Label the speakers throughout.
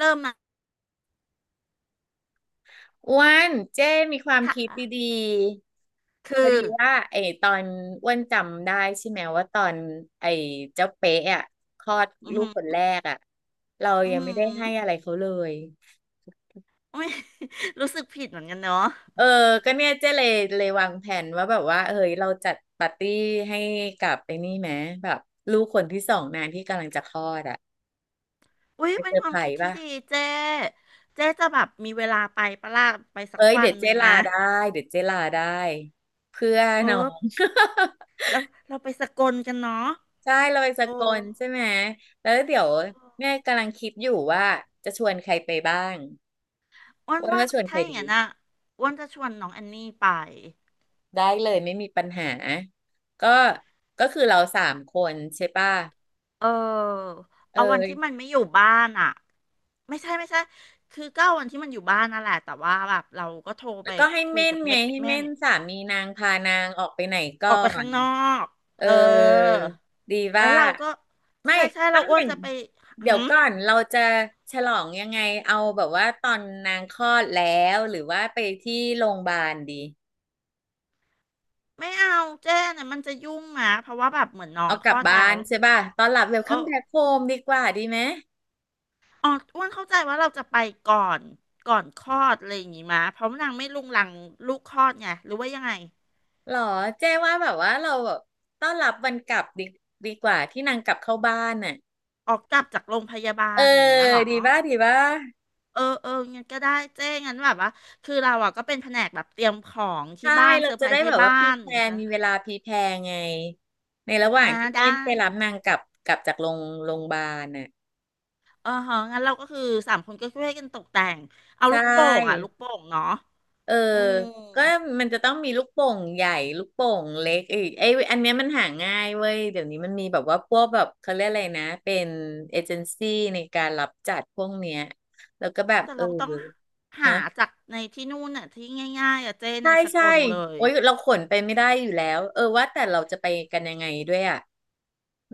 Speaker 1: เริ่มนะ
Speaker 2: อ้วนเจ้มีความคิด
Speaker 1: ค่ะ
Speaker 2: ดีๆพ
Speaker 1: คื
Speaker 2: อ
Speaker 1: อ
Speaker 2: ดีว่าไอ้ตอนอ้วนจำได้ใช่ไหมว่าตอนไอ้เจ้าเป๊ะอ่ะคลอด
Speaker 1: อือ
Speaker 2: ลูก
Speaker 1: หือ
Speaker 2: คนแรกอ่ะเรา
Speaker 1: อือ
Speaker 2: ยัง
Speaker 1: หื
Speaker 2: ไม่
Speaker 1: อ
Speaker 2: ได้ให้อะไรเขาเลย
Speaker 1: ุ๊ย รู้สึกผิดเหมือนกันเนาะ
Speaker 2: เออก็เนี่ยเจ้เลยวางแผนว่าแบบว่าเอ้ยเราจัดปาร์ตี้ให้กับไอ้นี่ไหมแบบลูกคนที่สองนางที่กำลังจะคลอดอ่ะ
Speaker 1: อุ้ย
Speaker 2: ไป
Speaker 1: เป็
Speaker 2: เซ
Speaker 1: น
Speaker 2: อ
Speaker 1: ค
Speaker 2: ร์
Speaker 1: วา
Speaker 2: ไพ
Speaker 1: ม
Speaker 2: ร
Speaker 1: คิด
Speaker 2: ส์
Speaker 1: ที่
Speaker 2: ป่ะ
Speaker 1: ดีเจ๊เจ๊จะแบบมีเวลาไปปะล่ะไปสั
Speaker 2: เอ้
Speaker 1: ก
Speaker 2: ย
Speaker 1: วั
Speaker 2: เดี๋
Speaker 1: น
Speaker 2: ยว
Speaker 1: ห
Speaker 2: เจ้
Speaker 1: นึ่ง
Speaker 2: ลา
Speaker 1: นะ
Speaker 2: ได้เดี๋ยวเจ้ลาได้เพื่อ
Speaker 1: เอ
Speaker 2: น้อ
Speaker 1: อ
Speaker 2: ง
Speaker 1: แล้วเราไปสกลกันเนาะ
Speaker 2: ใช่เราไปส
Speaker 1: โอ้
Speaker 2: กลใช่ไหมแล้วเดี๋ยว
Speaker 1: เออ
Speaker 2: แม่กำลังคิดอยู่ว่าจะชวนใครไปบ้าง
Speaker 1: อ้วน
Speaker 2: อ้วน
Speaker 1: ว่า
Speaker 2: ว่าชวนใค
Speaker 1: ถ้า
Speaker 2: ร
Speaker 1: อย่าง
Speaker 2: ดี
Speaker 1: นั้นอะอ้วนจะชวนน้องแอนนี่ไป
Speaker 2: ได้เลยไม่มีปัญหาก็ก็คือเราสามคนใช่ป่ะ
Speaker 1: เออ
Speaker 2: เอ
Speaker 1: เอาวันที่มัน
Speaker 2: อ
Speaker 1: ไม่อยู่บ้านอะไม่ใช่ไม่ใช่คือก็เอาวันที่มันอยู่บ้านนั่นแหละแต่ว่าแบบเราก็โทร
Speaker 2: แล้
Speaker 1: ไป
Speaker 2: วก็ให้
Speaker 1: คุย
Speaker 2: เม่น
Speaker 1: กับ
Speaker 2: ไง
Speaker 1: แม่
Speaker 2: ให้
Speaker 1: แม่
Speaker 2: เม่นสามีนางพานางออกไปไหนก่
Speaker 1: อ
Speaker 2: อ
Speaker 1: อกไปข้า
Speaker 2: น
Speaker 1: งนอก
Speaker 2: เออ
Speaker 1: เออ
Speaker 2: ดี
Speaker 1: แล้
Speaker 2: ว่า
Speaker 1: วเราก็
Speaker 2: ไม่
Speaker 1: ใช่ใช่
Speaker 2: ต้
Speaker 1: เรา
Speaker 2: อง
Speaker 1: อ้
Speaker 2: อ
Speaker 1: วน
Speaker 2: ย่าง
Speaker 1: จะไป
Speaker 2: เดี๋ย
Speaker 1: หื
Speaker 2: ว
Speaker 1: ม
Speaker 2: ก่อนเราจะฉลองยังไงเอาแบบว่าตอนนางคลอดแล้วหรือว่าไปที่โรงพยาบาลดี
Speaker 1: ไม่เอาเจ้เนี่ยมันจะยุ่งหมาเพราะว่าแบบเหมือนน้อ
Speaker 2: เอา
Speaker 1: งค
Speaker 2: กลั
Speaker 1: ล
Speaker 2: บ
Speaker 1: อด
Speaker 2: บ้า
Speaker 1: แล้ว
Speaker 2: นใช่ป่ะตอนหลับเวล
Speaker 1: เอ
Speaker 2: คั
Speaker 1: อ
Speaker 2: มแบ็คโฮมดีกว่าดีไหม
Speaker 1: อ๋ออ้วนเข้าใจว่าเราจะไปก่อนก่อนคลอดอะไรอย่างงี้มาเพราะนางไม่รุงรังลูกคลอดไงหรือว่ายังไง
Speaker 2: หรอเจ๊ว่าแบบว่าเราแบบต้อนรับวันกลับดีดีกว่าที่นางกลับเข้าบ้านน่ะ
Speaker 1: ออกกลับจากโรงพยาบา
Speaker 2: เออ
Speaker 1: ลอย่างเงี้ยเหรอ
Speaker 2: ดีป่ะดีป่ะ
Speaker 1: เออเอองั้นก็ได้เจ้งั้นแบบว่าคือเราอ่ะก็เป็นแผนกแบบเตรียมของที่
Speaker 2: ใช่
Speaker 1: บ้าน
Speaker 2: เรา
Speaker 1: เซอร์ไพ
Speaker 2: จะ
Speaker 1: ร
Speaker 2: ได้
Speaker 1: ส์
Speaker 2: แบ
Speaker 1: ที่
Speaker 2: บว่า
Speaker 1: บ้า
Speaker 2: พรี
Speaker 1: นอ
Speaker 2: แพ
Speaker 1: ย่าง
Speaker 2: ล
Speaker 1: เงี้ย
Speaker 2: น
Speaker 1: ใช่ไหม
Speaker 2: มีเวลาพรีแพลนไงในระหว่า
Speaker 1: อ่า
Speaker 2: งที่
Speaker 1: ได้
Speaker 2: เล่นไปรับนางกลับจากโรงโรงพยาบาลน่ะ
Speaker 1: เออฮะงั้นเราก็คือสามคนก็ช่วยกันตกแต่งเอา
Speaker 2: ใช
Speaker 1: ลูกโป่งอ่ะลู
Speaker 2: ่
Speaker 1: กโป่งเนาะ
Speaker 2: เออ
Speaker 1: อืม
Speaker 2: ก็มันจะต้องมีลูกโป่งใหญ่ลูกโป่งเล็กอีกไอ้อันเนี้ยมันหาง่ายเว้ยเดี๋ยวนี้มันมีแบบว่าพวกแบบเขาเรียกอะไรนะเป็นเอเจนซี่ในการรับจัดพวกเนี้ยแล้วก็แบบ
Speaker 1: แต่
Speaker 2: เออ
Speaker 1: เราต้องหา
Speaker 2: ฮะ
Speaker 1: จากในที่นู่นน่ะที่ง่ายๆอ่ะเจ้ใน
Speaker 2: ใช่
Speaker 1: สก
Speaker 2: ใช่
Speaker 1: ลเลย
Speaker 2: โอ๊ยเราขนไปไม่ได้อยู่แล้วเออว่าแต่เราจะไปกันยังไงด้วยอ่ะ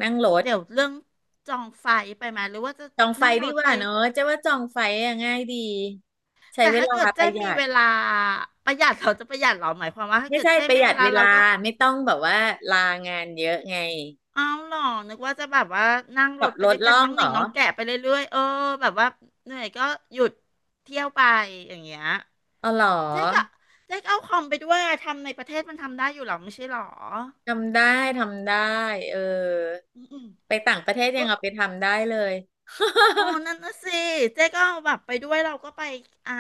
Speaker 2: นั่งรถ
Speaker 1: เดี๋ยวเรื่องจองไฟไปไหมหรือว่าจะ
Speaker 2: จองไฟ
Speaker 1: นั่งร
Speaker 2: ดี
Speaker 1: ถ
Speaker 2: ก
Speaker 1: ไป
Speaker 2: ว่าเนอะเจะว่าจองไฟอะง่ายดีใช้
Speaker 1: แต่
Speaker 2: เว
Speaker 1: ถ้า
Speaker 2: ลา
Speaker 1: เกิด
Speaker 2: ป
Speaker 1: เจ้
Speaker 2: ระหยั
Speaker 1: มี
Speaker 2: ด
Speaker 1: เวลาประหยัดเราจะประหยัดเหรอหมายความว่าถ้า
Speaker 2: ไม่
Speaker 1: เกิด
Speaker 2: ใช่
Speaker 1: เจ้
Speaker 2: ประห
Speaker 1: มี
Speaker 2: ยั
Speaker 1: เว
Speaker 2: ด
Speaker 1: ลา
Speaker 2: เว
Speaker 1: เรา
Speaker 2: ลา
Speaker 1: ก็
Speaker 2: ไม่ต้องแบบว่าลางานเยอะไง
Speaker 1: เอาหรอนึกว่าจะแบบว่านั่งร
Speaker 2: ขับ
Speaker 1: ถไป
Speaker 2: ร
Speaker 1: ด้
Speaker 2: ถ
Speaker 1: วยกัน
Speaker 2: ล่อ
Speaker 1: น้
Speaker 2: ง
Speaker 1: องเห
Speaker 2: เหร
Speaker 1: น่ง
Speaker 2: อ
Speaker 1: น้องแกะไปเรื่อยๆเออแบบว่าเหนื่อยก็หยุดเที่ยวไปอย่างเงี้ย
Speaker 2: เอาเหรอ
Speaker 1: เจ๊ก็เจ๊ก็เอาคอมไปด้วยอะทำในประเทศมันทำได้อยู่หรอไม่ใช่หรอ
Speaker 2: ทำได้ทำได้ เออ
Speaker 1: อืม
Speaker 2: ไปต่างประเทศ
Speaker 1: ๆ
Speaker 2: ยั
Speaker 1: ก็
Speaker 2: งเอาไปทำได้เลย
Speaker 1: อ๋อนั่นน่ะสิเจ๊ก็เอาแบบไปด้วยเราก็ไปอ่า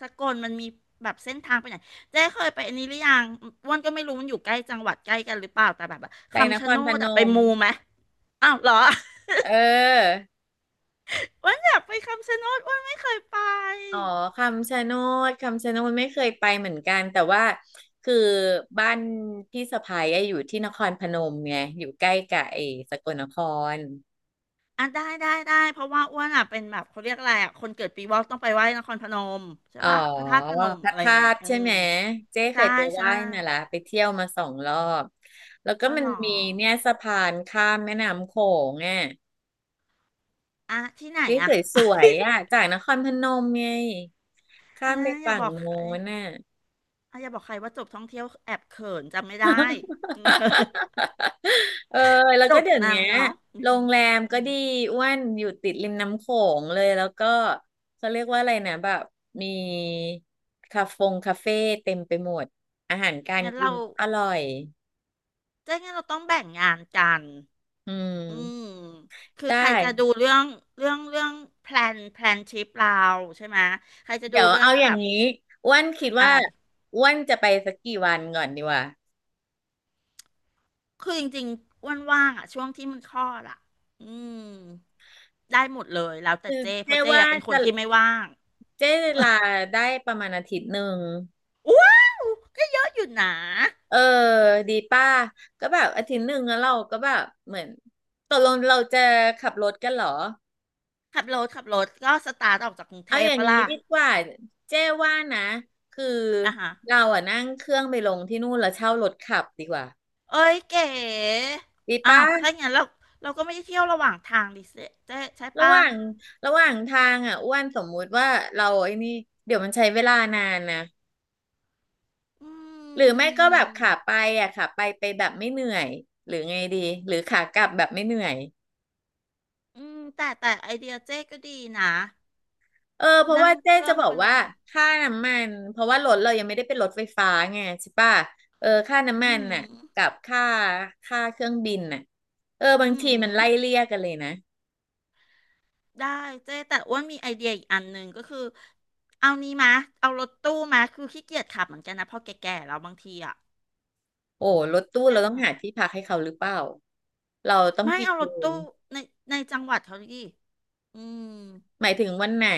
Speaker 1: สกลมันมีแบบเส้นทางไปไหนเจ๊เคยไปอันนี้หรือยังอ้วนก็ไม่รู้มันอยู่ใกล้จังหวัดใกล้กันหรือเปล่าแต่แบบว่า
Speaker 2: ไปน
Speaker 1: คำ
Speaker 2: ค
Speaker 1: ชะโน
Speaker 2: รพ
Speaker 1: ด
Speaker 2: น
Speaker 1: อะไป
Speaker 2: ม
Speaker 1: มูไหมอ้าวเหรอ
Speaker 2: เออ
Speaker 1: อ้วนอยากไปคำชะโนดอ้วนไม่เคยไป
Speaker 2: อ๋อ คำชะโนด คำชะโนดไม่เคยไปเหมือนกัน แต่ว่าคือบ้านพี่สะใภ้อะอยู่ที่นครพนมไงอยู่ใกล้กับไอ้สกลนคร
Speaker 1: อ่ะได้ได้ได้เพราะว่าอ้วนอะเป็นแบบเขาเรียกอะไรอะคนเกิดปีวอกต้องไปไหว้นครพนมใช่
Speaker 2: อ๋อ
Speaker 1: ปะพระธาตุพนม
Speaker 2: พระ
Speaker 1: อะไรอ
Speaker 2: ธา
Speaker 1: ย่างเงี้ย
Speaker 2: ตุ
Speaker 1: อื
Speaker 2: ใช่
Speaker 1: ม
Speaker 2: ไหมเจ๊เค
Speaker 1: ใช่
Speaker 2: ยไปไห
Speaker 1: ใช่
Speaker 2: ว้มาละไปเที่ยวมา2 รอบแล้วก็
Speaker 1: อา
Speaker 2: มั
Speaker 1: เห
Speaker 2: น
Speaker 1: รอ
Speaker 2: มีเนี่ยสะพานข้ามแม่น้ำโขงอ่ะ
Speaker 1: อ่ะที่ไหน
Speaker 2: ที่
Speaker 1: อ่ะ
Speaker 2: สว ยๆอ่ะจากนครพนมไงข้า
Speaker 1: อ่า
Speaker 2: มไป
Speaker 1: อย่า
Speaker 2: ฝั่
Speaker 1: บ
Speaker 2: ง
Speaker 1: อกใคร
Speaker 2: โน้นน่ะ
Speaker 1: อ่ะอย่าบอกใครว่าจบท่องเที่ยวแอบเขินจำไม่ได้ อืม
Speaker 2: เออแล้ว
Speaker 1: จ
Speaker 2: ก็
Speaker 1: บ
Speaker 2: เดี๋ยว
Speaker 1: นา
Speaker 2: เนี้
Speaker 1: นแล้
Speaker 2: ย
Speaker 1: วเนาะอืม
Speaker 2: โรงแรม
Speaker 1: อื
Speaker 2: ก็
Speaker 1: ม
Speaker 2: ดีอ้วนอยู่ติดริมน้ำโขงเลยแล้วก็เขาเรียกว่าอะไรนะแบบมีคาเฟงคาเฟ่เต็มไปหมดอาหารการ
Speaker 1: งั้น
Speaker 2: กิ
Speaker 1: เรา
Speaker 2: นก็อร่อย
Speaker 1: เจ๊งั้นเราต้องแบ่งงานกัน
Speaker 2: อื
Speaker 1: อืม
Speaker 2: ม
Speaker 1: คือ
Speaker 2: ได้
Speaker 1: ใครจะดูเรื่องเรื่องแพลนทริปเราใช่ไหม ใครจะดู
Speaker 2: เดี๋ยว
Speaker 1: เรื่อ
Speaker 2: เอา
Speaker 1: ง
Speaker 2: อ
Speaker 1: แบ
Speaker 2: ย่าง
Speaker 1: บ
Speaker 2: นี้อ้วนคิด
Speaker 1: อะ
Speaker 2: ว่า
Speaker 1: ไร
Speaker 2: อ้วนจะไปสักกี่วันก่อนดีวะ
Speaker 1: คือจริงๆอ้วนว่างๆอะช่วงที่มันคลอดอ่ะอืมได้หมดเลยแล้วแต่
Speaker 2: คือ
Speaker 1: เจ้เพ
Speaker 2: เจ๊
Speaker 1: ราะเจ
Speaker 2: ว่า
Speaker 1: อะเป็นค
Speaker 2: จะ
Speaker 1: นที่ไม่ว่าง
Speaker 2: เจ๊ลาได้ประมาณอาทิตย์หนึ่ง
Speaker 1: ว้าว ก็เยอะอยู่นะ
Speaker 2: เออดีป้าก็แบบอาทิตย์หนึ่งแล้วเราก็แบบเหมือนตกลงเราจะขับรถกันเหรอ
Speaker 1: ขับรถก็สตาร์ทออกจากกรุงเท
Speaker 2: เอาอ
Speaker 1: พ
Speaker 2: ย่าง
Speaker 1: ปะ
Speaker 2: นี้
Speaker 1: ล่ะ
Speaker 2: ดีกว่าเจ๊ว่านะคือ
Speaker 1: อ่ะฮะ
Speaker 2: เราอะนั่งเครื่องไปลงที่นู่นแล้วเช่ารถขับดีกว่า
Speaker 1: เอ้ยเก๋
Speaker 2: ดี
Speaker 1: อ้า
Speaker 2: ป้า
Speaker 1: วถ้าอย่างนั้นเราเราก็ไม่ได้เที่ยวระหว่างทางดิเซเจ๊ใช่
Speaker 2: ระห
Speaker 1: ปะ
Speaker 2: ว่างระหว่างทางอ่ะอ้วนสมมุติว่าเราไอ้นี่เดี๋ยวมันใช้เวลานานนะ
Speaker 1: อื
Speaker 2: หรือไม่ก็แบบขาไป
Speaker 1: ม
Speaker 2: อ่ะขาไปไปแบบไม่เหนื่อยหรือไงดีหรือขากลับแบบไม่เหนื่อย
Speaker 1: อืม แต่แต่ไอเดียเจ๊ก็ดีนะ
Speaker 2: เออเพราะ
Speaker 1: นั่
Speaker 2: ว่า
Speaker 1: ง
Speaker 2: เจ๊
Speaker 1: เครื่
Speaker 2: จะ
Speaker 1: อง
Speaker 2: บอ
Speaker 1: ไป
Speaker 2: ก
Speaker 1: ล
Speaker 2: ว่า
Speaker 1: ง
Speaker 2: ค่าน้ำมันเพราะว่ารถเรายังไม่ได้เป็นรถไฟฟ้าไงใช่ป่ะเออค่า
Speaker 1: อื
Speaker 2: น้ำมัน
Speaker 1: ม
Speaker 2: น่ะกับค่าเครื่องบินน่ะเออ
Speaker 1: อื
Speaker 2: บางที
Speaker 1: ม
Speaker 2: มันไล่เลี่ยกันเลยนะ
Speaker 1: ได้ เจ๊แต่อ้วนมีไอเดียอีกอันหนึ่งก็คือ เอานี้มา เอารถตู้มา คือขี้เกียจขับเหมือนกันนะพอแก่ๆแล้วบางทีอ่ะ
Speaker 2: โอ้รถตู้
Speaker 1: เจ๊
Speaker 2: เราต้อง
Speaker 1: ว่า
Speaker 2: หาที่พักให้เขาหรือเปล่าเราต้อง
Speaker 1: ไม่
Speaker 2: กี่
Speaker 1: เอาร
Speaker 2: คื
Speaker 1: ถ
Speaker 2: น
Speaker 1: ตู้ในในจังหวัดเขาดิอืม
Speaker 2: หมายถึงวันไหน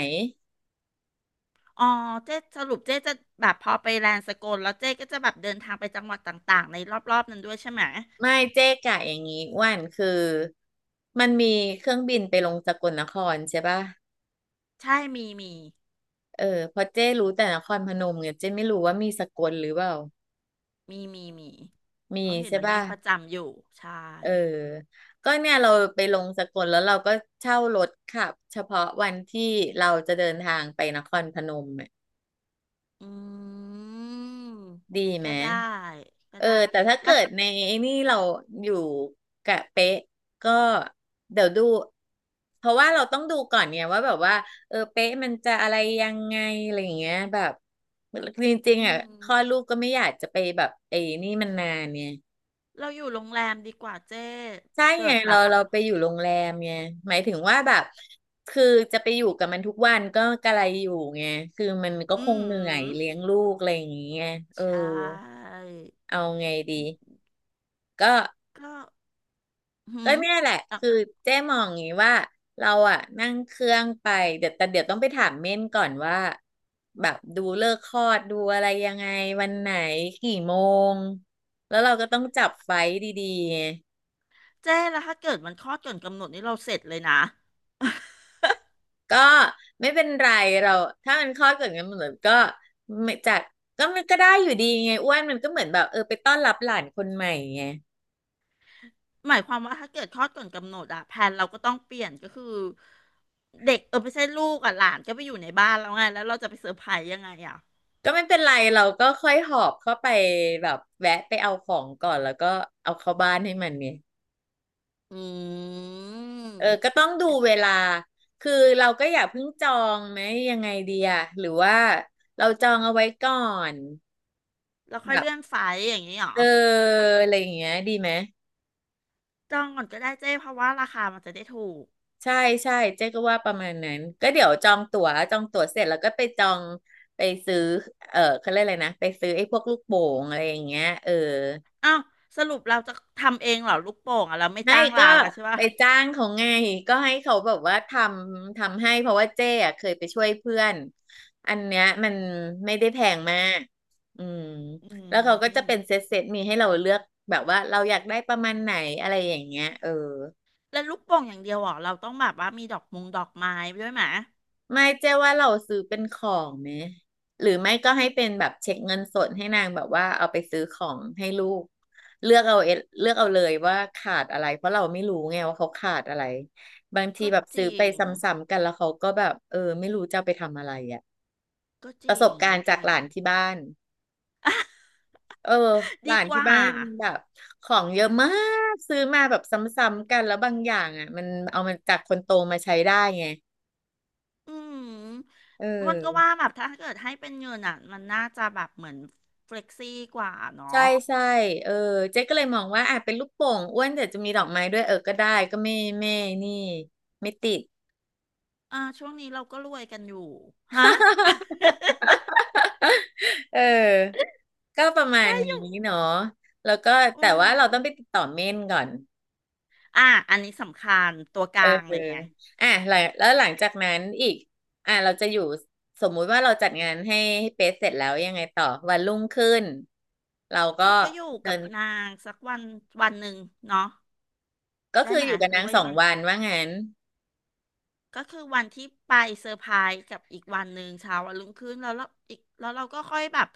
Speaker 1: อ๋อเจ๊สรุปเจ๊จะแบบพอไปแลนด์สกลแล้วเจ๊ก็จะแบบเดินทางไปจังหวัดต่างๆในรอบๆนั้นด้วยใช่ไหม
Speaker 2: ไม่เจ๊กะอย่างงี้อ้วันคือมันมีเครื่องบินไปลงสกลนครใช่ป่ะ
Speaker 1: ใช่มีมี
Speaker 2: เออเพอเจ๊รู้แต่นครพนมเนี่ยเจ๊ไม่รู้ว่ามีสกลหรือเปล่า
Speaker 1: มีมีมี เพ
Speaker 2: มี
Speaker 1: ราะเห็น
Speaker 2: ใช่
Speaker 1: มัน
Speaker 2: ป่ะ
Speaker 1: นั่งประจำอยู่ ใช่
Speaker 2: เออก็เนี่ยเราไปลงสกลแล้วเราก็เช่ารถขับเฉพาะวันที่เราจะเดินทางไปนครพนม
Speaker 1: อืม
Speaker 2: ดีไหม
Speaker 1: ก็ได้ก็
Speaker 2: เออ
Speaker 1: ได้
Speaker 2: แต่ถ้า
Speaker 1: แล้
Speaker 2: เกิ
Speaker 1: ว
Speaker 2: ดในไอ้นี่เราอยู่กะเป๊ะก็เดี๋ยวดูเพราะว่าเราต้องดูก่อนเนี่ยว่าแบบว่าเออเป๊ะมันจะอะไรยังไงอะไรอย่างเงี้ยแบบจริง
Speaker 1: อื
Speaker 2: ๆอ่ะคลอด
Speaker 1: ม
Speaker 2: ลูกก็ไม่อยากจะไปแบบไอ้นี่มันนานเนี่ย
Speaker 1: เราอยู่โรงแรมดีกว่าเจ๊
Speaker 2: ใช่
Speaker 1: เกิ
Speaker 2: ไง
Speaker 1: ดแบ
Speaker 2: เรา
Speaker 1: บ
Speaker 2: ไปอยู่โรงแรมไงหมายถึงว่าแบบคือจะไปอยู่กับมันทุกวันก็กะไรอยู่ไงคือมันก็ค
Speaker 1: อื
Speaker 2: งเหนื่อยเลี้
Speaker 1: ม
Speaker 2: ยงลูกอะไรอย่างเงี้ยเออ
Speaker 1: ใช่
Speaker 2: เอาไงดีก็
Speaker 1: ก็หื
Speaker 2: ก็
Speaker 1: ม
Speaker 2: เนี่ยแหละคือเจ๊มองอย่างนี้ว่าเราอะนั่งเครื่องไปเดี๋ยวต้องไปถามเม่นก่อนว่าแบบดูเลิกษ์คลอดดูอะไรยังไงวันไหนกี่โมงแล้วเราก็ต้องจับไฟท์ดีๆไง
Speaker 1: เจ๊แล้วถ้าเกิดมันคลอดก่อนกำหนดนี่เราเสร็จเลยนะ
Speaker 2: ก็ไม่เป็นไรเราถ้ามันคลอดเกิดงั้นมันเหมือนก็ไม่จากก็มันก็ได้อยู่ดีไงอ้วนมันก็เหมือนแบบเออไปต้อนรับหลานคนใหม่ไง
Speaker 1: หมายความว่าถ้าเกิดคลอดก่อนกำหนดอะแผนเราก็ต้องเปลี่ยนก็คือเด็กเออไม่ใช่ลูกอะหลานก็ไปอยู่ในบ้านแล้วไงแล้วเราจะไปเซอร์ไพรส์ยังไงอะ
Speaker 2: ก็ไม่เป็นไรเราก็ค่อยหอบเข้าไปแบบแวะไปเอาของก่อนแล้วก็เอาเข้าบ้านให้มันเนี่ย
Speaker 1: อืม
Speaker 2: เออก็ต้องดู
Speaker 1: ก็
Speaker 2: เว
Speaker 1: จะ
Speaker 2: ลาคือเราก็อย่าเพิ่งจองไหมยังไงดีอะหรือว่าเราจองเอาไว้ก่อน
Speaker 1: แล้วค่อย
Speaker 2: แบบ
Speaker 1: เลื่อนไฟล์อย่างนี้เหรอ
Speaker 2: เออ
Speaker 1: ถ้า
Speaker 2: อะไรอย่างเงี้ยดีไหม
Speaker 1: จองก่อนก็ได้เจ๊เพราะว่าราคามันจะได้ถูก
Speaker 2: ใช่ใช่เจ๊ก็ว่าประมาณนั้น ก็เดี๋ยวจองตั๋วเสร็จแล้วก็ไปจองไปซื้อเออเขาเรียกอะไรนะไปซื้อไอ้พวกลูกโป่งอะไรอย่างเงี้ยเออ
Speaker 1: อ้าวสรุปเราจะทำเองเหรอลูกโป่งอะเราไม่
Speaker 2: ไม่
Speaker 1: จ้าง
Speaker 2: ก็
Speaker 1: ร้านแล้วใช่
Speaker 2: ไป
Speaker 1: ปะ
Speaker 2: จ้างเขาไงก็ให้เขาแบบว่าทำให้เพราะว่าเจ้อะเคยไปช่วยเพื่อนอันเนี้ยมันไม่ได้แพงมากอืม
Speaker 1: อื
Speaker 2: แล้วเขาก็จะ
Speaker 1: ม
Speaker 2: เป็นเซตมีให้เราเลือกแบบว่าเราอยากได้ประมาณไหนอะไรอย่างเงี้ยเออ
Speaker 1: แล้วลูกโป่งอย่างเดียวเหรอเราต้องแบบว่ามีดอกมงดอกไม้ด้วยไหม
Speaker 2: ไม่เจ๊ว่าเราซื้อเป็นของไหมหรือไม่ก็ให้เป็นแบบเช็คเงินสดให้นางแบบว่าเอาไปซื้อของให้ลูกเลือกเอาเอเลือกเอาเลยว่าขาดอะไรเพราะเราไม่รู้ไงว่าเขาขาดอะไรบางที
Speaker 1: ก็
Speaker 2: แบบ
Speaker 1: จ
Speaker 2: ซื้อ
Speaker 1: ริ
Speaker 2: ไป
Speaker 1: ง
Speaker 2: ซ้ำๆกันแล้วเขาก็แบบเออไม่รู้จะเอาไปทำอะไรอ่ะ
Speaker 1: ก็จ
Speaker 2: ประ
Speaker 1: ริ
Speaker 2: สบ
Speaker 1: ง
Speaker 2: การ
Speaker 1: ก็
Speaker 2: ณ์
Speaker 1: จ
Speaker 2: จาก
Speaker 1: ริ
Speaker 2: ห
Speaker 1: ง
Speaker 2: ลานที่บ้านเออห
Speaker 1: ดี
Speaker 2: ลาน
Speaker 1: ก
Speaker 2: ที่
Speaker 1: ว่า
Speaker 2: บ้านแบบของเยอะมากซื้อมาแบบซ้ำๆกันแล้วบางอย่างอ่ะมันเอามาจากคนโตมาใช้ได้ไง
Speaker 1: อืม
Speaker 2: เอ
Speaker 1: มัน
Speaker 2: อ
Speaker 1: ก็ว่าแบบถ้าเกิดให้เป็นเงินอ่ะมันน่าจะแบบเหมือนเฟล็กซี่กว่า
Speaker 2: ใช่
Speaker 1: เนาะ
Speaker 2: ใช่เออเจ๊ก็เลยมองว่าอ่ะเป็นลูกโป่งอ้วนแต่จะมีดอกไม้ด้วยเออก็ได้ก็ไม่นี่ไม่ติด
Speaker 1: อ่าช่วงนี้เราก็รวยกันอยู่ฮะ
Speaker 2: เออก็ประมาณ
Speaker 1: ได้อ
Speaker 2: นี้
Speaker 1: ยู่
Speaker 2: เนาะแล้วก็แต่
Speaker 1: อืม
Speaker 2: ว่าเราต้องไปติดต่อเม่นก่อน
Speaker 1: อ่ะอันนี้สำคัญตัวก
Speaker 2: เอ
Speaker 1: ลา
Speaker 2: อ
Speaker 1: งเลยไง
Speaker 2: อ่ะหลังแล้วหลังจากนั้นอีกอ่ะเราจะอยู่สมมุติว่าเราจัดงานให้เป๊ะเสร็จแล้วยังไงต่อวันรุ่งขึ้น เราก็
Speaker 1: แล้วก็อยู่
Speaker 2: เดิ
Speaker 1: กับ
Speaker 2: น
Speaker 1: นางสักวันวันหนึ่งเนาะ
Speaker 2: ก็
Speaker 1: ได้
Speaker 2: คือ
Speaker 1: ไหม
Speaker 2: อยู่กับ
Speaker 1: หรื
Speaker 2: นา
Speaker 1: อ
Speaker 2: ง
Speaker 1: ว่า
Speaker 2: สอ
Speaker 1: ยัง
Speaker 2: ง
Speaker 1: ไง
Speaker 2: วันว่างั้น
Speaker 1: ก็คือวันที่ไปเซอร์ไพรส์กับอีกวันหนึ่งเช้าวันรุ่งขึ้นแล้วเราอีกแล้วเราก็ค่อยแบบ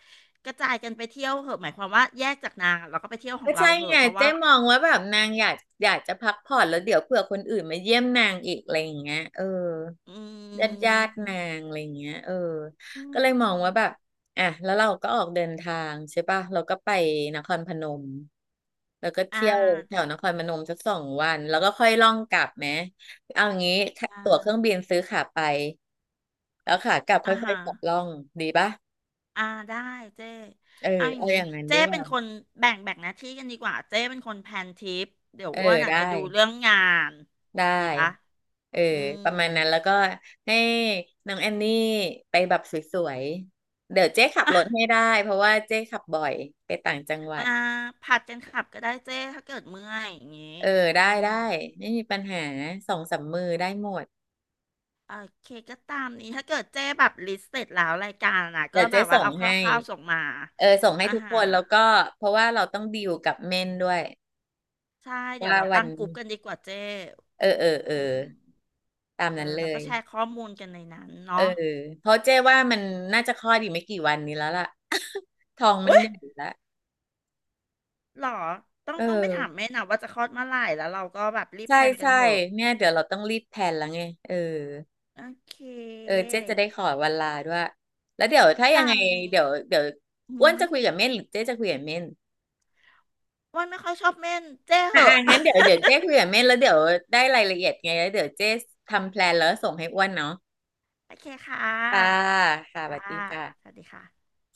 Speaker 1: กระจายกันไปเที่ยวเหอะหมายความว่าแยกจากนางอะเราก็ไปเที่ยวขอ
Speaker 2: ก็
Speaker 1: งเรา
Speaker 2: ใช่
Speaker 1: เหอะ
Speaker 2: ไง
Speaker 1: เพราะว่า
Speaker 2: เจ๊มองว่าแบบนางอยากอยากจะพักผ่อนแล้วเดี๋ยวเผื่อคนอื่นมาเยี่ยมนางอีกอะไรอย่างเงี้ยเออ
Speaker 1: อื
Speaker 2: ญาตินา
Speaker 1: ม
Speaker 2: งอะไรอย่างเงี้ยเออ
Speaker 1: อื
Speaker 2: ก็เลยมองว่าแบ
Speaker 1: ม
Speaker 2: บอ่ะแล้วเราก็ออกเดินทางใช่ป่ะเราก็ไปนครพนมแล้วก็
Speaker 1: อ่า
Speaker 2: เที่ยวแถ
Speaker 1: ได้
Speaker 2: วนครพนมสักสองวันแล้วก็ค่อยล่องกลับไหมเอาอย่างงี้ค่า
Speaker 1: ได้
Speaker 2: ตั๋วเครื่องบินซื้อขาไปแล้วขากลับ
Speaker 1: อ่า
Speaker 2: ค่อย
Speaker 1: ฮะ
Speaker 2: ๆขับล่องดีป่ะ
Speaker 1: อ่าได้เจ้
Speaker 2: เออ
Speaker 1: เอาอย่าง
Speaker 2: เอา
Speaker 1: งี้
Speaker 2: อย่างนั้นดี
Speaker 1: เจ้
Speaker 2: ก
Speaker 1: เป็น
Speaker 2: ว่า
Speaker 1: คนแบ่งหน้าที่กันดีกว่าเจ้เป็นคนแพลนทริปเดี๋ยว
Speaker 2: เออ
Speaker 1: อ้วนอาจ
Speaker 2: ได้
Speaker 1: จะดูเรื่องงาน
Speaker 2: ได้
Speaker 1: ดีปะ
Speaker 2: เออ
Speaker 1: อืม
Speaker 2: ประมาณนั้นแล้วก็ให้น้องแอนนี่ไปแบบสวยๆเดี๋ยวเจ๊ขับรถให้ได้เพราะว่าเจ๊ขับบ่อยไปต่างจังหวั
Speaker 1: อ่า
Speaker 2: ด
Speaker 1: ผัดกันขับก็ได้เจ้ถ้าเกิดเมื่อยอย่างงี้
Speaker 2: เออ
Speaker 1: อืม
Speaker 2: ได้ไม่มีปัญหาสองสามมือได้หมด
Speaker 1: โอเคก็ตามนี้ถ้าเกิดเจ้แบบลิสต์เสร็จแล้วรายการนะก็
Speaker 2: เดี๋ยว
Speaker 1: แบ
Speaker 2: เจ๊
Speaker 1: บว่า
Speaker 2: ส่ง
Speaker 1: เอาค
Speaker 2: ให้
Speaker 1: ร่าวๆส่งมา
Speaker 2: เออส่งให้
Speaker 1: อ่า
Speaker 2: ทุก
Speaker 1: ฮะ
Speaker 2: คนแล้วก็เพราะว่าเราต้องดีลกับเม่นด้วย
Speaker 1: ใช่เดี๋ย
Speaker 2: ว่า
Speaker 1: วเรา
Speaker 2: วั
Speaker 1: ตั้
Speaker 2: น
Speaker 1: งกลุ่มกันดีกว่าเจ้
Speaker 2: เออ
Speaker 1: อืม
Speaker 2: ตาม
Speaker 1: เออ
Speaker 2: นั้นเล
Speaker 1: แล้วก็
Speaker 2: ย
Speaker 1: แชร์ข้อมูลกันในนั้น
Speaker 2: เออ
Speaker 1: เนาะ
Speaker 2: เพราะเจ๊ว่ามันน่าจะคลอดอีกไม่กี่วันนี้แล้วล่ะ ทองมัน
Speaker 1: อุ๊ย
Speaker 2: ใหญ่ละ
Speaker 1: หรอต้อง
Speaker 2: เออ
Speaker 1: ต้องไปถามแม่นะว่าจะคลอดเมื่อไหร่แล้วเราก็แบบรีบ
Speaker 2: ใช่
Speaker 1: แพลนกัน
Speaker 2: ใช่
Speaker 1: เถอะ
Speaker 2: เนี่ยเดี๋ยวเราต้องรีบแพลนแล้วไงเออ
Speaker 1: โอเค
Speaker 2: เจ๊จะได้ขอวันลาด้วยแล้วเดี๋ยว
Speaker 1: ก็
Speaker 2: ถ้ายัง
Speaker 1: ตา
Speaker 2: ไง
Speaker 1: มนี้
Speaker 2: เดี๋ยว
Speaker 1: อื
Speaker 2: อ้วน
Speaker 1: ม
Speaker 2: จะคุยกับเม่นหรือเจ๊จะคุยกับเม่น
Speaker 1: อ้วันไม่ค่อยชอบเม่นเจ้เห
Speaker 2: อ่า
Speaker 1: อะ
Speaker 2: อ งั้นเดี๋ยวเจ๊คุยกับเม่นแล้วเดี๋ยวได้รายละเอียดไงแล้วเดี๋ยวเจ๊ทำแพลนแล้วส่งให้อ้วนเนาะ
Speaker 1: โอเคค่ะ
Speaker 2: ค่ะค่ะส
Speaker 1: ค่ะ
Speaker 2: วัสดี
Speaker 1: ส
Speaker 2: ค่ะ
Speaker 1: วัสดีค่ะ